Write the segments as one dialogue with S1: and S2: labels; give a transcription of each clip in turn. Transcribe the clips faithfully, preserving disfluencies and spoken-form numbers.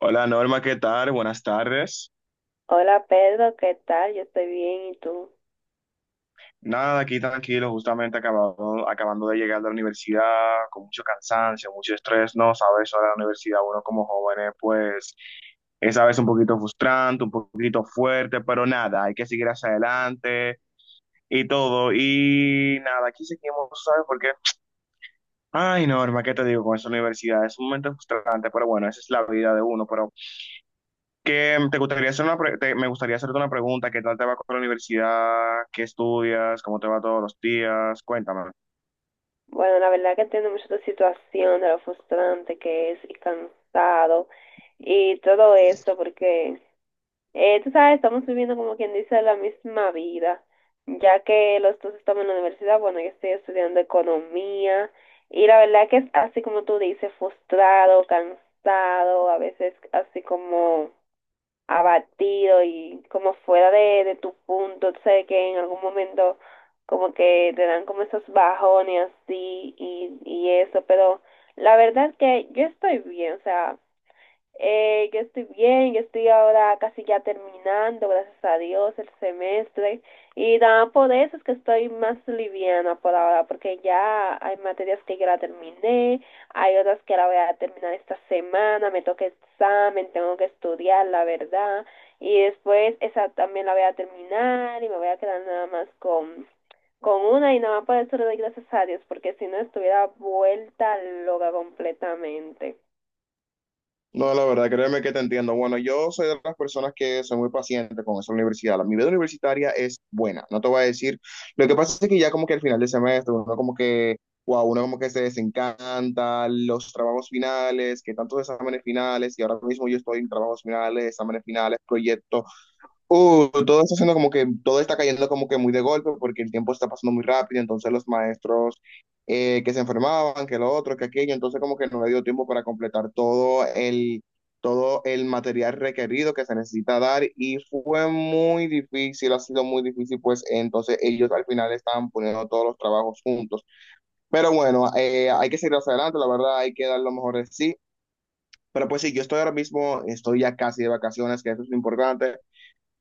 S1: Hola Norma, ¿qué tal? Buenas tardes.
S2: Hola Pedro, ¿qué tal? Yo estoy bien, ¿y tú?
S1: Nada, aquí tranquilo, justamente acabado, acabando de llegar de la universidad, con mucho cansancio, mucho estrés, ¿no? Sabes, ahora la universidad, uno como jóvenes, pues es a veces un poquito frustrante, un poquito fuerte, pero nada, hay que seguir hacia adelante y todo. Y nada, aquí seguimos, ¿sabes por qué? Ay, Norma, ¿qué te digo con esa universidad? Es un momento frustrante, pero bueno, esa es la vida de uno, pero Que mm, te gustaría hacer una pre- te- me gustaría hacerte una pregunta, ¿qué tal te va con la universidad? ¿Qué estudias? ¿Cómo te va todos los días? Cuéntame.
S2: Bueno, la verdad que entiendo mucho tu situación, de lo frustrante que es y cansado y todo eso, porque eh, tú sabes, estamos viviendo como quien dice la misma vida, ya que los dos estamos en la universidad. Bueno, yo estoy estudiando economía y la verdad que es así como tú dices, frustrado, cansado, a veces así como abatido y como fuera de, de tu punto. Sé que en algún momento como que te dan como esos bajones así y, y eso, pero la verdad que yo estoy bien, o sea, eh, yo estoy bien, yo estoy ahora casi ya terminando, gracias a Dios, el semestre. Y nada, por eso es que estoy más liviana por ahora, porque ya hay materias que ya la terminé, hay otras que la voy a terminar esta semana, me toca examen, tengo que estudiar, la verdad. Y después esa también la voy a terminar y me voy a quedar nada más con, con una y nada más. Por eso le doy gracias a Dios, porque si no estuviera vuelta loca completamente.
S1: No, la verdad, créeme que te entiendo. Bueno, yo soy de las personas que son muy pacientes con esa universidad. La, mi vida universitaria es buena, no te voy a decir. Lo que pasa es que ya como que al final del semestre, uno como que, wow, uno como que se desencanta, los trabajos finales, que tantos exámenes finales, y ahora mismo yo estoy en trabajos finales, exámenes finales, proyectos. Uh, todo está haciendo como que todo está cayendo como que muy de golpe porque el tiempo está pasando muy rápido, entonces los maestros eh, que se enfermaban, que lo otro, que aquello, entonces como que no le dio tiempo para completar todo el, todo el material requerido que se necesita dar y fue muy difícil, ha sido muy difícil, pues entonces ellos al final estaban poniendo todos los trabajos juntos. Pero bueno, eh, hay que seguir hacia adelante, la verdad, hay que dar lo mejor de sí. Pero pues sí, yo estoy ahora mismo, estoy ya casi de vacaciones, que eso es lo importante.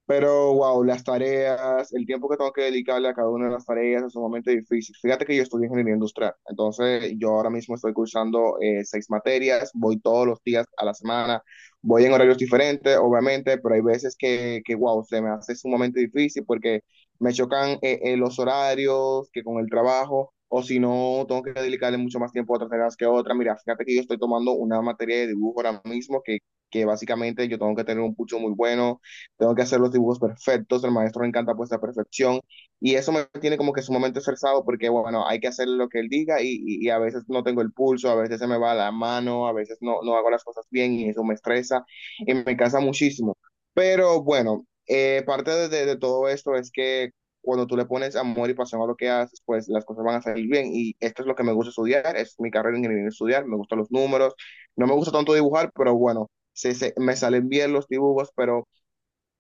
S1: Pero, wow, las tareas, el tiempo que tengo que dedicarle a cada una de las tareas es sumamente difícil. Fíjate que yo estudio ingeniería industrial, entonces yo ahora mismo estoy cursando eh, seis materias, voy todos los días a la semana, voy en horarios diferentes, obviamente, pero hay veces que, que wow, se me hace sumamente difícil porque me chocan eh, eh, los horarios que con el trabajo, o si no, tengo que dedicarle mucho más tiempo a otras tareas que a otras. Mira, fíjate que yo estoy tomando una materia de dibujo ahora mismo que, que básicamente yo tengo que tener un pucho muy bueno. Tengo que hacer los dibujos perfectos, el maestro le encanta pues la perfección y eso me tiene como que sumamente estresado porque bueno, hay que hacer lo que él diga y, y, y a veces no tengo el pulso, a veces se me va la mano, a veces no, no hago las cosas bien y eso me estresa y me cansa muchísimo. Pero bueno, eh, parte de, de, de todo esto es que cuando tú le pones amor y pasión a lo que haces, pues las cosas van a salir bien. Y esto es lo que me gusta estudiar, es mi carrera de ingeniería estudiar, me gustan los números, no me gusta tanto dibujar, pero bueno, se, se, me salen bien los dibujos, pero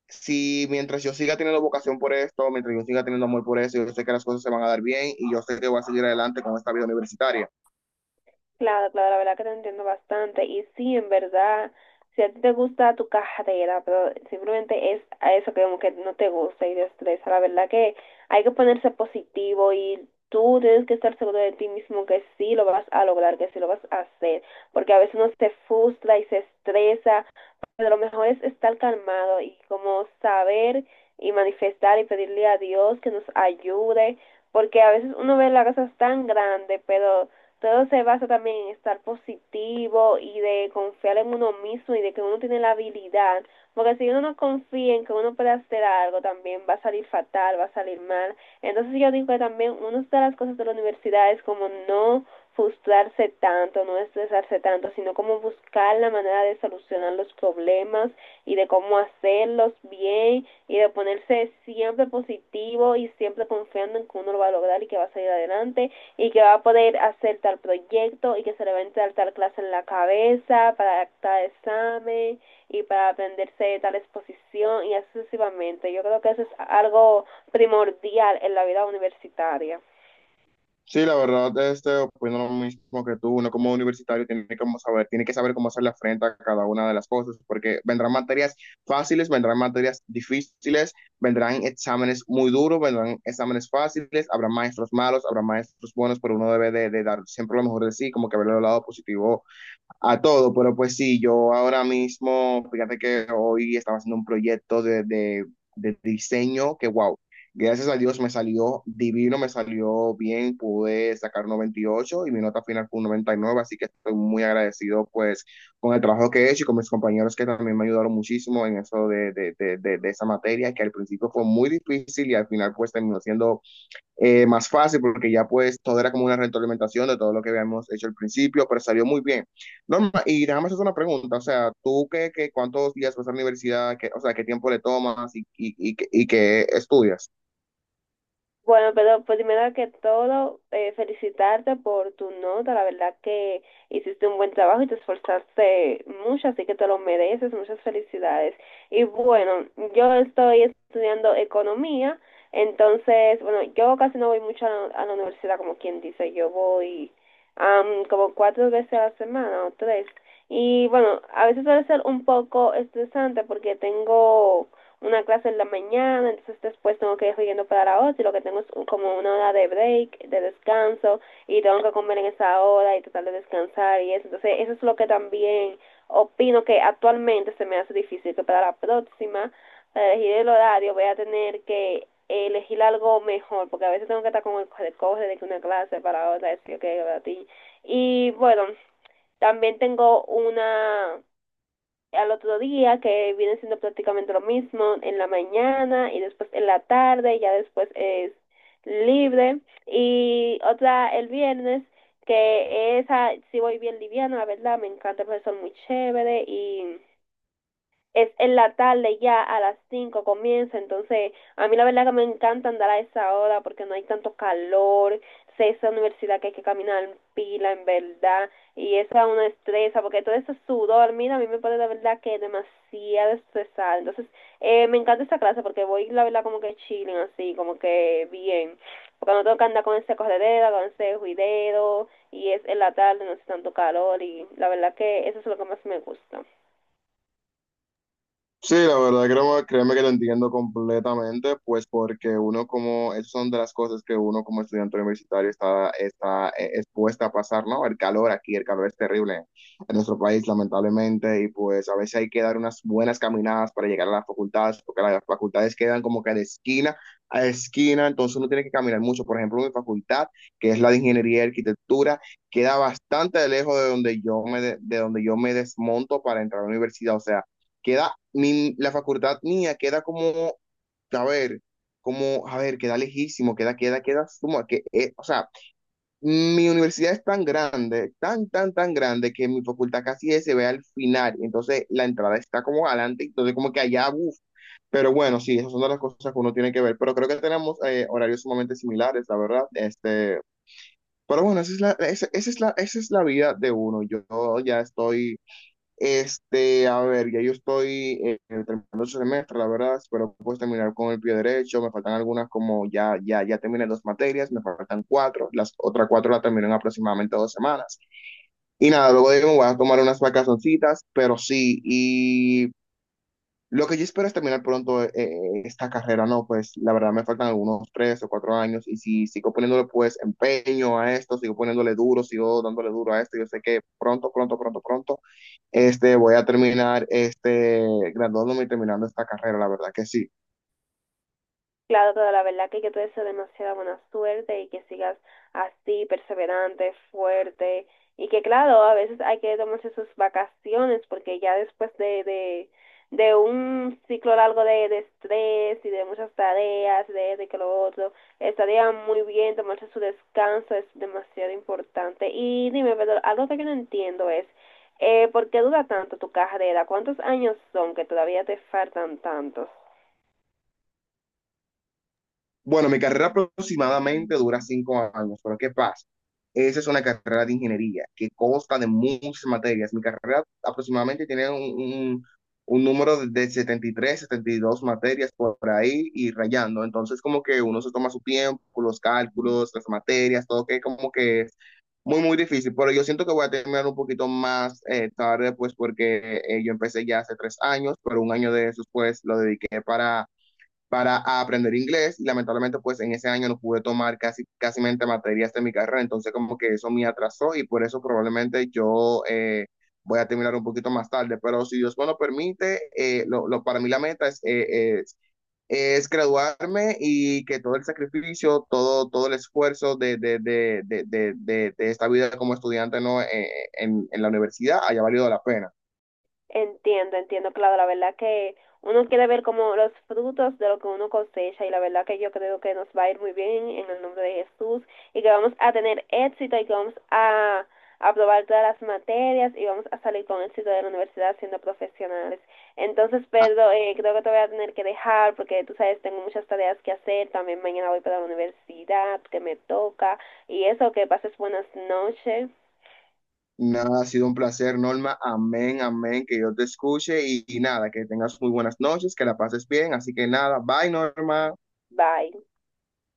S1: si mientras yo siga teniendo vocación por esto, mientras yo siga teniendo amor por eso, yo sé que las cosas se van a dar bien y yo sé que voy a seguir adelante con esta vida universitaria.
S2: Claro, claro, la verdad que te entiendo bastante. Y sí, en verdad, si a ti te gusta tu carrera, pero simplemente es a eso que como que no te gusta y te estresa, la verdad que hay que ponerse positivo y tú tienes que estar seguro de ti mismo que sí lo vas a lograr, que sí lo vas a hacer, porque a veces uno se frustra y se estresa, pero lo mejor es estar calmado y como saber y manifestar y pedirle a Dios que nos ayude, porque a veces uno ve las cosas tan grandes, pero todo se basa también en estar positivo y de confiar en uno mismo y de que uno tiene la habilidad, porque si uno no confía en que uno puede hacer algo, también va a salir fatal, va a salir mal. Entonces yo digo que también una de las cosas de la universidad es como no frustrarse tanto, no estresarse tanto, sino como buscar la manera de solucionar los problemas y de cómo hacerlos bien y de ponerse siempre positivo y siempre confiando en que uno lo va a lograr y que va a salir adelante y que va a poder hacer tal proyecto y que se le va a entrar tal clase en la cabeza para tal examen y para aprenderse tal exposición y así sucesivamente. Yo creo que eso es algo primordial en la vida universitaria.
S1: Sí, la verdad, este, opino lo mismo que tú, uno como universitario tiene que saber, tiene que saber cómo hacerle frente a cada una de las cosas, porque vendrán materias fáciles, vendrán materias difíciles, vendrán exámenes muy duros, vendrán exámenes fáciles, habrá maestros malos, habrá maestros buenos, pero uno debe de, de dar siempre lo mejor de sí, como que ver el lado positivo a todo, pero pues sí, yo ahora mismo, fíjate que hoy estaba haciendo un proyecto de, de, de diseño que, wow, gracias a Dios me salió divino, me salió bien, pude sacar un noventa y ocho y ocho y mi nota final fue un noventa y nueve, así que estoy muy agradecido pues con el trabajo que he hecho y con mis compañeros que también me ayudaron muchísimo en eso de, de, de, de, de esa materia, que al principio fue muy difícil y al final pues terminó siendo eh, más fácil porque ya pues todo era como una retroalimentación de todo lo que habíamos hecho al principio, pero salió muy bien. Norma, y déjame hacer una pregunta, o sea, ¿tú qué, qué cuántos días vas a la universidad? Qué, o sea, ¿qué tiempo le tomas y, y, y, y qué estudias?
S2: Bueno, pero primero que todo, eh, felicitarte por tu nota. La verdad que hiciste un buen trabajo y te esforzaste mucho, así que te lo mereces. Muchas felicidades. Y bueno, yo estoy estudiando economía, entonces, bueno, yo casi no voy mucho a la, a la universidad, como quien dice. Yo voy am, como cuatro veces a la semana o tres. Y bueno, a veces suele ser un poco estresante porque tengo una clase en la mañana, entonces después tengo que ir yendo para la otra y lo que tengo es como una hora de break, de descanso, y tengo que comer en esa hora y tratar de descansar y eso. Entonces eso es lo que también opino que actualmente se me hace difícil, que para la próxima, para elegir el horario, voy a tener que elegir algo mejor, porque a veces tengo que estar con el corre de que una clase para otra, es que okay, para ti. Y bueno, también tengo una al otro día, que viene siendo prácticamente lo mismo en la mañana, y después en la tarde, ya después es libre. Y otra el viernes, que esa sí voy bien liviana, la verdad, me encanta el profesor, muy chévere, y es en la tarde, ya a las cinco comienza, entonces a mí la verdad que me encanta andar a esa hora porque no hay tanto calor. Sé esa universidad que hay que caminar en pila en verdad, y eso es una estresa porque todo ese sudor, mira, a mí me pone la verdad que demasiado estresada. Entonces eh, me encanta esa clase porque voy la verdad como que chilling así, como que bien, porque no tengo que andar con ese corredero, con ese juidero, y es en la tarde, no hace tanto calor y la verdad que eso es lo que más me gusta.
S1: Sí, la verdad, creo, créeme que lo entiendo completamente, pues porque uno como, esas son de las cosas que uno como estudiante universitario está, está eh, expuesta a pasar, ¿no? El calor aquí, el calor es terrible en nuestro país, lamentablemente, y pues a veces hay que dar unas buenas caminadas para llegar a las facultades, porque las facultades quedan como que de esquina a esquina, entonces uno tiene que caminar mucho. Por ejemplo, mi facultad, que es la de Ingeniería y Arquitectura, queda bastante lejos de donde yo me, de de donde yo me desmonto para entrar a la universidad, o sea, queda, mi, la facultad mía queda como, a ver, como, a ver, queda lejísimo, queda, queda, queda, como que, eh, o sea, mi universidad es tan grande, tan, tan, tan grande que mi facultad casi se ve al final, entonces la entrada está como adelante, entonces como que allá, uff, pero bueno, sí, esas son de las cosas que uno tiene que ver, pero creo que tenemos eh, horarios sumamente similares, la verdad, este, pero bueno, esa es la, esa, esa es la, esa es la vida de uno. Yo ya estoy este, A ver, ya yo estoy eh, terminando el semestre, la verdad, espero pues terminar con el pie derecho, me faltan algunas, como ya, ya, ya terminé dos materias, me faltan cuatro, las otras cuatro las termino en aproximadamente dos semanas. Y nada, luego de ahí me voy a tomar unas vacacioncitas, pero sí, y lo que yo espero es terminar pronto eh, eh, esta carrera, ¿no? Pues la verdad me faltan algunos tres o cuatro años y si sigo poniéndole pues empeño a esto, sigo poniéndole duro, sigo dándole duro a esto, yo sé que pronto, pronto, pronto, pronto, este, voy a terminar, este, graduándome y terminando esta carrera, la verdad que sí.
S2: Claro, pero la verdad que yo te deseo demasiada buena suerte y que sigas así, perseverante, fuerte. Y que claro, a veces hay que tomarse sus vacaciones porque ya después de, de, de un ciclo largo de, de estrés y de muchas tareas, de, de que lo otro, estaría muy bien tomarse su descanso, es demasiado importante. Y dime, pero algo que yo no entiendo es, eh, ¿por qué dura tanto tu carrera? ¿Cuántos años son que todavía te faltan tantos?
S1: Bueno, mi carrera aproximadamente dura cinco años, pero ¿qué pasa? Esa es una carrera de ingeniería que consta de muchas materias. Mi carrera aproximadamente tiene un, un- un número de de setenta y tres, setenta y dos materias por ahí y rayando. Entonces, como que uno se toma su tiempo, los cálculos, las materias, todo que como que es muy, muy difícil. Pero yo siento que voy a terminar un poquito más eh, tarde, pues porque eh, yo empecé ya hace tres años, pero un año de esos, pues lo dediqué para para aprender inglés, y lamentablemente pues en ese año no pude tomar casi, casi materias de mi carrera, entonces como que eso me atrasó y por eso probablemente yo eh, voy a terminar un poquito más tarde, pero si Dios me lo permite, eh, lo, lo, para mí la meta es, eh, es, es, graduarme y que todo el sacrificio, todo, todo el esfuerzo de, de, de, de de, de, de esta vida como estudiante, ¿no? eh, en, en la universidad haya valido la pena.
S2: Entiendo, entiendo, claro, la verdad que uno quiere ver como los frutos de lo que uno cosecha y la verdad que yo creo que nos va a ir muy bien en el nombre de Jesús y que vamos a tener éxito y que vamos a aprobar todas las materias y vamos a salir con éxito de la universidad siendo profesionales. Entonces, Pedro, eh, creo que te voy a tener que dejar porque tú sabes, tengo muchas tareas que hacer, también mañana voy para la universidad que me toca y eso. Que pases buenas noches,
S1: Nada, ha sido un placer, Norma. Amén, amén, que yo te escuche y, y nada, que tengas muy buenas noches, que la pases bien. Así que nada, bye, Norma.
S2: bye.